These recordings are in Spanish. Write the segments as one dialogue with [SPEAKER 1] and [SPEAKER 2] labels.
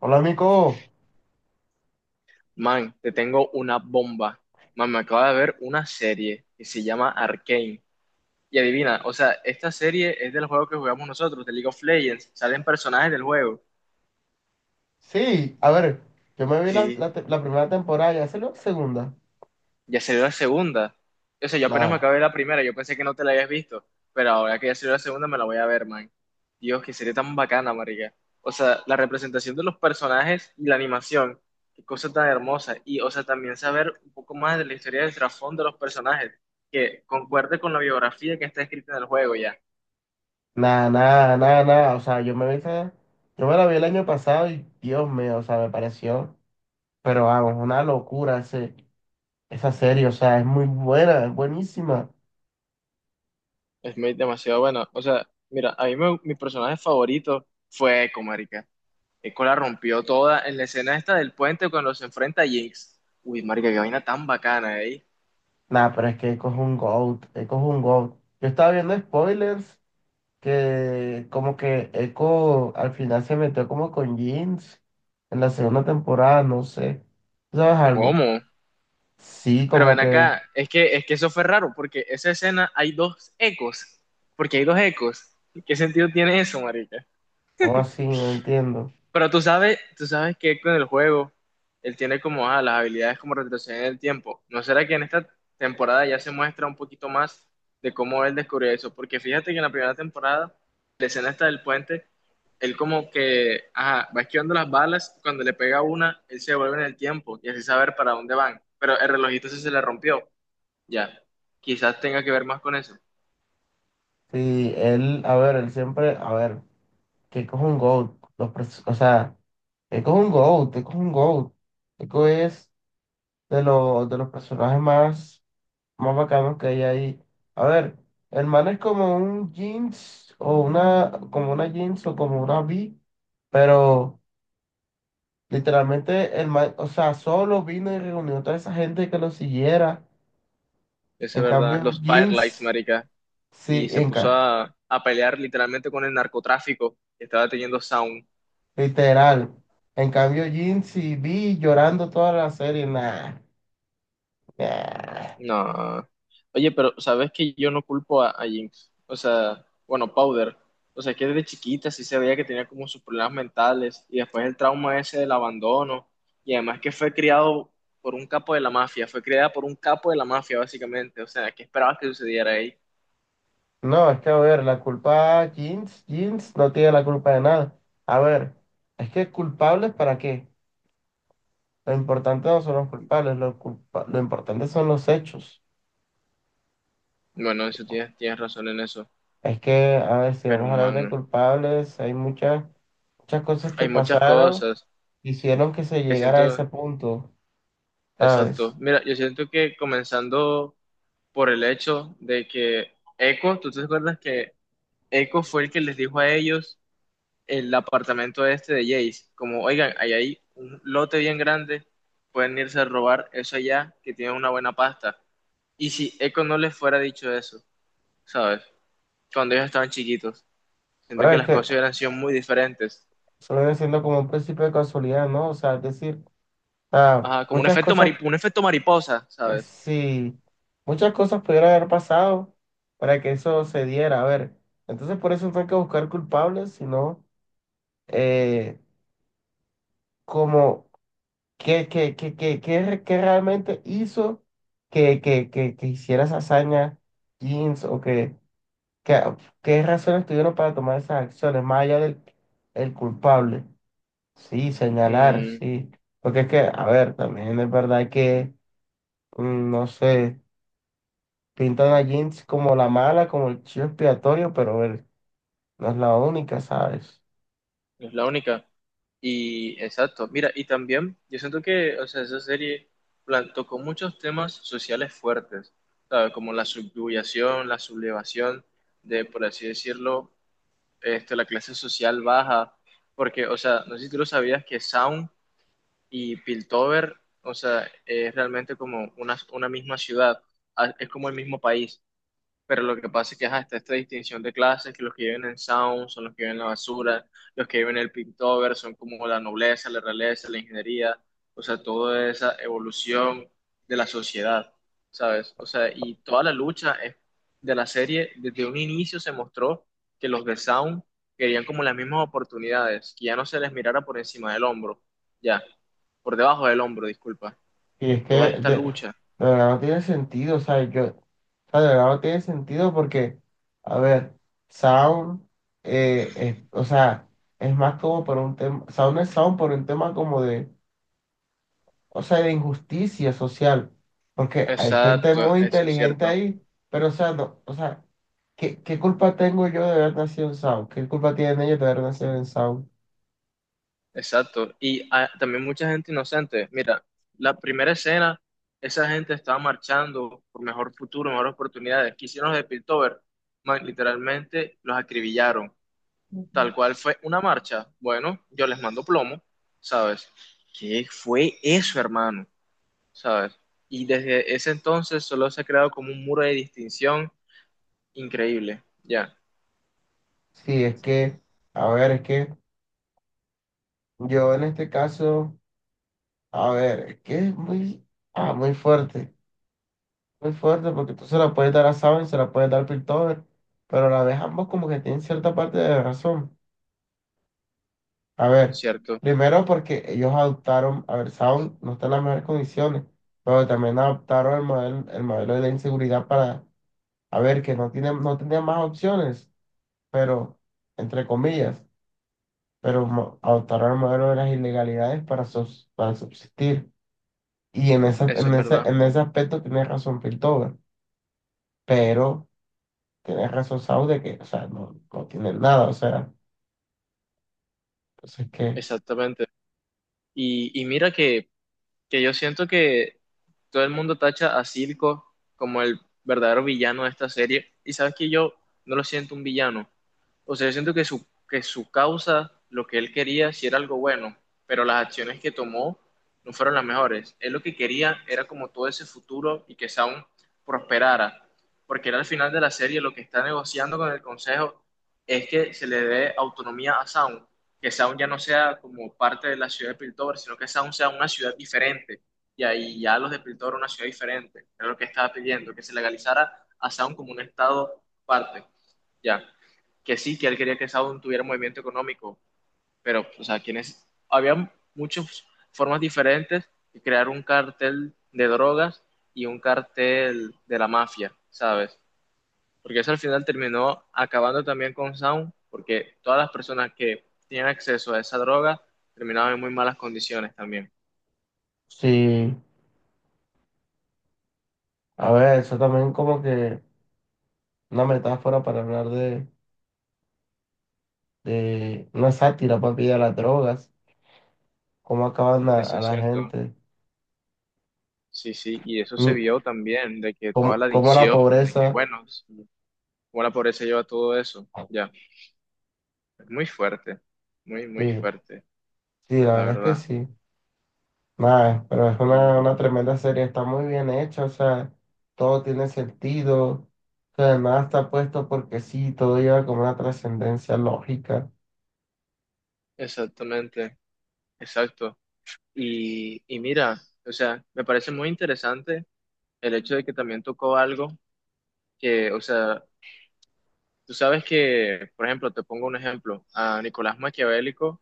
[SPEAKER 1] Hola, Nico.
[SPEAKER 2] Man, te tengo una bomba. Man, me acabo de ver una serie que se llama Arcane. Y adivina, o sea, esta serie es del juego que jugamos nosotros, de League of Legends. Salen personajes del juego.
[SPEAKER 1] Sí, a ver, yo me vi
[SPEAKER 2] Sí.
[SPEAKER 1] la primera temporada, ya salió la segunda.
[SPEAKER 2] Ya salió la segunda. O sea, yo apenas me
[SPEAKER 1] Nada,
[SPEAKER 2] acabé la primera, yo pensé que no te la habías visto, pero ahora que ya salió la segunda me la voy a ver, man. Dios, que sería tan bacana, marica. O sea, la representación de los personajes y la animación, qué cosa tan hermosa. Y, o sea, también saber un poco más de la historia del trasfondo de los personajes, que concuerde con la biografía que está escrita en el juego ya.
[SPEAKER 1] nada. O sea, yo me la vi el año pasado y Dios mío, o sea, me pareció, pero vamos, una locura esa serie, o sea, es muy buena, es buenísima.
[SPEAKER 2] Es muy demasiado bueno. O sea, mira, mi personaje favorito fue Echo, marica. Eco la rompió toda en la escena esta del puente cuando se enfrenta a Jinx. Uy, marica, qué vaina tan bacana ahí.
[SPEAKER 1] Nada, pero es que Echo es un GOAT, Echo es un GOAT. Yo estaba viendo spoilers que como que Echo al final se metió como con Jeans en la segunda temporada, no sé. ¿Tú ¿Sabes algo?
[SPEAKER 2] ¿Cómo?
[SPEAKER 1] Sí,
[SPEAKER 2] Pero
[SPEAKER 1] como
[SPEAKER 2] ven
[SPEAKER 1] que,
[SPEAKER 2] acá, es que eso fue raro, porque esa escena hay dos ecos. Porque hay dos ecos. ¿Qué sentido tiene eso, marica?
[SPEAKER 1] o así, no entiendo.
[SPEAKER 2] Pero tú sabes que con el juego, él tiene como las habilidades como retroceder en el tiempo. ¿No será que en esta temporada ya se muestra un poquito más de cómo él descubrió eso? Porque fíjate que en la primera temporada, la escena esta del puente, él como que ajá, va esquivando las balas, cuando le pega una, él se devuelve en el tiempo y así saber para dónde van. Pero el relojito ese se le rompió. Ya, quizás tenga que ver más con eso.
[SPEAKER 1] Sí, él siempre, a ver, que coge un GOAT, los, pres- o sea, que coge un GOAT, que coge un GOAT. Eco es de los personajes más, más bacanos que hay ahí. A ver, el man es como un jeans, o una, como una jeans, o como una V, pero literalmente el man, o sea, solo vino y reunió a toda esa gente que lo siguiera.
[SPEAKER 2] Eso es
[SPEAKER 1] En
[SPEAKER 2] verdad.
[SPEAKER 1] cambio,
[SPEAKER 2] Los firelights,
[SPEAKER 1] jeans,
[SPEAKER 2] marica. Y
[SPEAKER 1] sí,
[SPEAKER 2] se puso a pelear literalmente con el narcotráfico que estaba teniendo Sound.
[SPEAKER 1] literal. En cambio, Jin, si vi llorando toda la serie, nah, nah.
[SPEAKER 2] No. Oye, pero sabes que yo no culpo a Jinx. O sea, bueno, Powder. O sea, que desde chiquita sí se veía que tenía como sus problemas mentales y después el trauma ese del abandono. Y además que fue criado por un capo de la mafia, fue criada por un capo de la mafia, básicamente. O sea, ¿qué esperabas que sucediera ahí?
[SPEAKER 1] No, es que a ver, la culpa Jeans, Jeans no tiene la culpa de nada. A ver, es que ¿culpables para qué? Lo importante no son los culpables, lo importante son los hechos.
[SPEAKER 2] Bueno, eso tienes, tienes razón en eso.
[SPEAKER 1] Es que, a ver, si
[SPEAKER 2] Pero,
[SPEAKER 1] vamos a hablar de
[SPEAKER 2] man,
[SPEAKER 1] culpables, hay muchas cosas que
[SPEAKER 2] hay muchas
[SPEAKER 1] pasaron,
[SPEAKER 2] cosas
[SPEAKER 1] hicieron que se
[SPEAKER 2] que
[SPEAKER 1] llegara a ese
[SPEAKER 2] siento.
[SPEAKER 1] punto,
[SPEAKER 2] Exacto.
[SPEAKER 1] ¿sabes?
[SPEAKER 2] Mira, yo siento que comenzando por el hecho de que Echo, ¿tú te acuerdas que Echo fue el que les dijo a ellos el apartamento este de Jace? Como, oigan, ahí hay un lote bien grande, pueden irse a robar eso allá, que tiene una buena pasta. Y si Echo no les fuera dicho eso, ¿sabes? Cuando ellos estaban chiquitos, siento
[SPEAKER 1] Pero
[SPEAKER 2] que
[SPEAKER 1] es
[SPEAKER 2] las
[SPEAKER 1] que
[SPEAKER 2] cosas hubieran sido muy diferentes.
[SPEAKER 1] eso viene siendo como un principio de casualidad, ¿no? O sea, es decir. Sea,
[SPEAKER 2] Ajá, como
[SPEAKER 1] muchas cosas,
[SPEAKER 2] un efecto mariposa, ¿sabes?
[SPEAKER 1] sí, muchas cosas pudieron haber pasado para que eso se diera. A ver, entonces por eso no hay que buscar culpables, sino eh, como qué realmente hizo que hiciera esa hazaña Jeans o que- qué razones tuvieron para tomar esas acciones, más allá del el culpable. Sí, señalar,
[SPEAKER 2] Mm,
[SPEAKER 1] sí. Porque es que, a ver, también es verdad que, no sé. Pintan a Jinx como la mala, como el chivo expiatorio, pero él no es la única, ¿sabes?
[SPEAKER 2] es la única. Y exacto, mira, y también yo siento que, o sea, esa serie tocó muchos temas sociales fuertes, ¿sabes? Como la subyugación, la sublevación de, por así decirlo, este, la clase social baja, porque, o sea, no sé si tú lo sabías que Sound y Piltover, o sea, es realmente como una misma ciudad, es como el mismo país. Pero lo que pasa es que ajá, está esta distinción de clases, que los que viven en Sound son los que viven en la basura, los que viven en el Piltover son como la nobleza, la realeza, la ingeniería, o sea, toda esa evolución de la sociedad, ¿sabes? O sea, y toda la lucha es- de la serie, desde un inicio se mostró que los de Sound querían como las mismas oportunidades, que ya no se les mirara por encima del hombro, ya, por debajo del hombro, disculpa.
[SPEAKER 1] Y es que
[SPEAKER 2] Toda esta
[SPEAKER 1] de
[SPEAKER 2] lucha.
[SPEAKER 1] verdad no tiene sentido, ¿sabes? Yo, o sea, de verdad no tiene sentido porque, a ver, Sound, o sea, es más como por un tema, Sound es Sound por un tema como de, o sea, de injusticia social, porque hay gente
[SPEAKER 2] Exacto,
[SPEAKER 1] muy
[SPEAKER 2] eso es
[SPEAKER 1] inteligente
[SPEAKER 2] cierto.
[SPEAKER 1] ahí, pero, o sea, no, o sea, ¿qué culpa tengo yo de haber nacido en Sound? ¿Qué culpa tienen ellos de haber nacido en Sound?
[SPEAKER 2] Exacto. Y ah, también mucha gente inocente. Mira, la primera escena, esa gente estaba marchando por mejor futuro, mejores oportunidades. ¿Qué hicieron los de Piltover? Man, literalmente los acribillaron. Tal cual fue una marcha. Bueno, yo les mando plomo, ¿sabes? ¿Qué fue eso, hermano? ¿Sabes? Y desde ese entonces solo se ha creado como un muro de distinción increíble. Ya,
[SPEAKER 1] Sí, es que, a ver, es que yo en este caso, a ver, es que ah, muy fuerte, muy fuerte, porque tú se la puedes dar a Saben, se la puedes dar a Piltover, pero a la vez ambos como que tienen cierta parte de razón. A
[SPEAKER 2] ¿no es
[SPEAKER 1] ver,
[SPEAKER 2] cierto?
[SPEAKER 1] primero porque ellos adoptaron, a ver, Saben no está en las mejores condiciones, pero también adoptaron el modelo de la inseguridad para, a ver, que no tenía más opciones, pero entre comillas. Pero adoptaron el modelo de las ilegalidades para, para subsistir. Y en
[SPEAKER 2] Eso
[SPEAKER 1] en
[SPEAKER 2] es verdad.
[SPEAKER 1] en ese aspecto tienes razón Piltover, pero tienes razón Sau de que, o sea, no tienen nada, o sea, entonces que,
[SPEAKER 2] Exactamente. Y mira que yo siento que todo el mundo tacha a Silco como el verdadero villano de esta serie, y sabes que yo no lo siento un villano. O sea, yo siento que que su causa, lo que él quería, sí era algo bueno, pero las acciones que tomó no fueron las mejores. Él lo que quería era como todo ese futuro y que Sound prosperara, porque era al final de la serie lo que está negociando con el Consejo es que se le dé autonomía a Sound, que Sound ya no sea como parte de la ciudad de Piltover, sino que Sound sea una ciudad diferente. Y ahí ya los de Piltover una ciudad diferente. Era lo que estaba pidiendo, que se legalizara a Sound como un estado parte. Ya, que sí, que él quería que Sound tuviera movimiento económico, pero, o sea, quienes, había muchas formas diferentes de crear un cartel de drogas y un cartel de la mafia, ¿sabes? Porque eso al final terminó acabando también con Sound, porque todas las personas que tienen acceso a esa droga terminaban en muy malas condiciones también.
[SPEAKER 1] sí, a ver, eso también como que una metáfora para hablar de una sátira, papi, de las drogas, cómo acaban
[SPEAKER 2] Eso
[SPEAKER 1] a
[SPEAKER 2] es
[SPEAKER 1] la
[SPEAKER 2] cierto.
[SPEAKER 1] gente,
[SPEAKER 2] Sí, sí, y eso se
[SPEAKER 1] y
[SPEAKER 2] vio también, de que toda
[SPEAKER 1] cómo,
[SPEAKER 2] la
[SPEAKER 1] cómo la
[SPEAKER 2] adicción, de que,
[SPEAKER 1] pobreza,
[SPEAKER 2] bueno, sí, cómo la pobreza lleva todo eso, ya. Es muy fuerte, muy, muy
[SPEAKER 1] sí,
[SPEAKER 2] fuerte,
[SPEAKER 1] sí, la
[SPEAKER 2] la
[SPEAKER 1] verdad es que
[SPEAKER 2] verdad.
[SPEAKER 1] sí. Nada, pero es una
[SPEAKER 2] Y
[SPEAKER 1] tremenda serie, está muy bien hecha, o sea, todo tiene sentido, o sea, nada está puesto porque sí, todo lleva como una trascendencia lógica.
[SPEAKER 2] exactamente, exacto. Y mira, o sea, me parece muy interesante el hecho de que también tocó algo que, o sea, tú sabes que, por ejemplo, te pongo un ejemplo, a Nicolás Maquiavélico,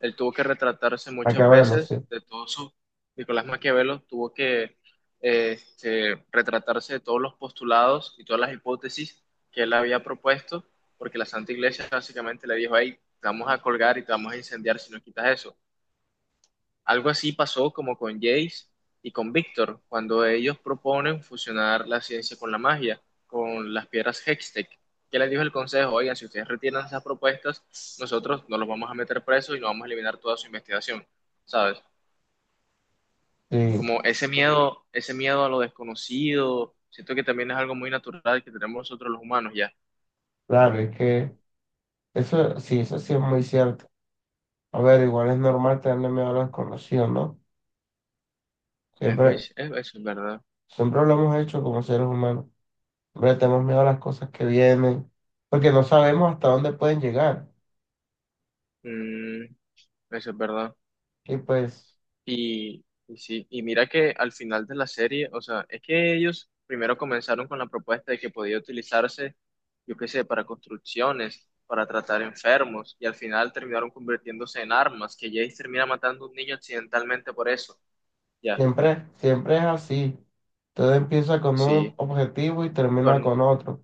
[SPEAKER 2] él tuvo que retratarse muchas
[SPEAKER 1] Acá de sí,
[SPEAKER 2] veces de todos sus. Nicolás Maquiavelo tuvo que este, retratarse de todos los postulados y todas las hipótesis que él había propuesto, porque la Santa Iglesia básicamente le dijo, ahí te vamos a colgar y te vamos a incendiar si no quitas eso. Algo así pasó como con Jace y con Víctor, cuando ellos proponen fusionar la ciencia con la magia, con las piedras Hextech. ¿Qué les dijo el consejo? Oigan, si ustedes retiran esas propuestas, nosotros no los vamos a meter presos y no vamos a eliminar toda su investigación, ¿sabes?
[SPEAKER 1] sí,
[SPEAKER 2] Como ese miedo a lo desconocido, siento que también es algo muy natural que tenemos nosotros los humanos ya.
[SPEAKER 1] claro, es que eso sí es muy cierto. A ver, igual es normal tenerle miedo a lo desconocido, ¿no?
[SPEAKER 2] No.
[SPEAKER 1] Siempre,
[SPEAKER 2] Eso es verdad.
[SPEAKER 1] siempre lo hemos hecho como seres humanos. Siempre tenemos miedo a las cosas que vienen, porque no sabemos hasta dónde pueden llegar.
[SPEAKER 2] Mm, eso es verdad.
[SPEAKER 1] Y pues.
[SPEAKER 2] Y sí, y mira que al final de la serie, o sea, es que ellos primero comenzaron con la propuesta de que podía utilizarse, yo qué sé, para construcciones, para tratar enfermos, y al final terminaron convirtiéndose en armas, que Jace termina matando a un niño accidentalmente por eso. Ya,
[SPEAKER 1] Siempre, siempre es así. Todo empieza con un
[SPEAKER 2] sí,
[SPEAKER 1] objetivo y termina con
[SPEAKER 2] con,
[SPEAKER 1] otro.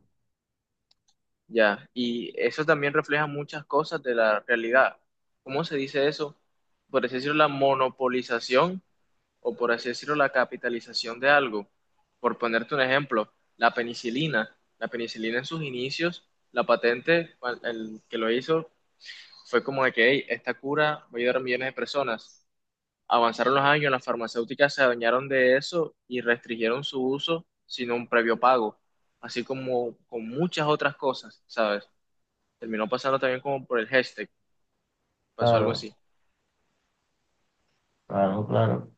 [SPEAKER 2] ya. Y eso también refleja muchas cosas de la realidad. ¿Cómo se dice eso? Por así decirlo, la monopolización o por así decirlo, la capitalización de algo. Por ponerte un ejemplo, la penicilina. La penicilina en sus inicios, la patente, el que lo hizo, fue como de que "Hey, esta cura va a ayudar a millones de personas". Avanzaron los años, las farmacéuticas se adueñaron de eso y restringieron su uso sin un previo pago, así como con muchas otras cosas, ¿sabes? Terminó pasando también como por el hashtag, pasó algo
[SPEAKER 1] Claro,
[SPEAKER 2] así.
[SPEAKER 1] claro, claro.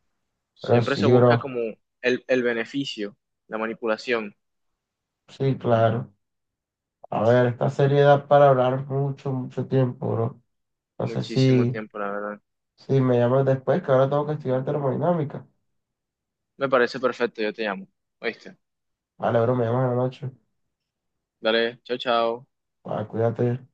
[SPEAKER 1] Pero
[SPEAKER 2] Siempre se
[SPEAKER 1] sí,
[SPEAKER 2] busca
[SPEAKER 1] bro.
[SPEAKER 2] como el beneficio, la manipulación.
[SPEAKER 1] Sí, claro. A ver, esta serie da para hablar mucho, mucho tiempo, bro. No sé
[SPEAKER 2] Muchísimo
[SPEAKER 1] si,
[SPEAKER 2] tiempo, la verdad.
[SPEAKER 1] si me llamas después, que ahora tengo que estudiar termodinámica.
[SPEAKER 2] Me parece perfecto, yo te llamo. ¿Oíste?
[SPEAKER 1] Vale, bro, me llamas en la noche.
[SPEAKER 2] Dale, chao, chao.
[SPEAKER 1] Va, cuídate.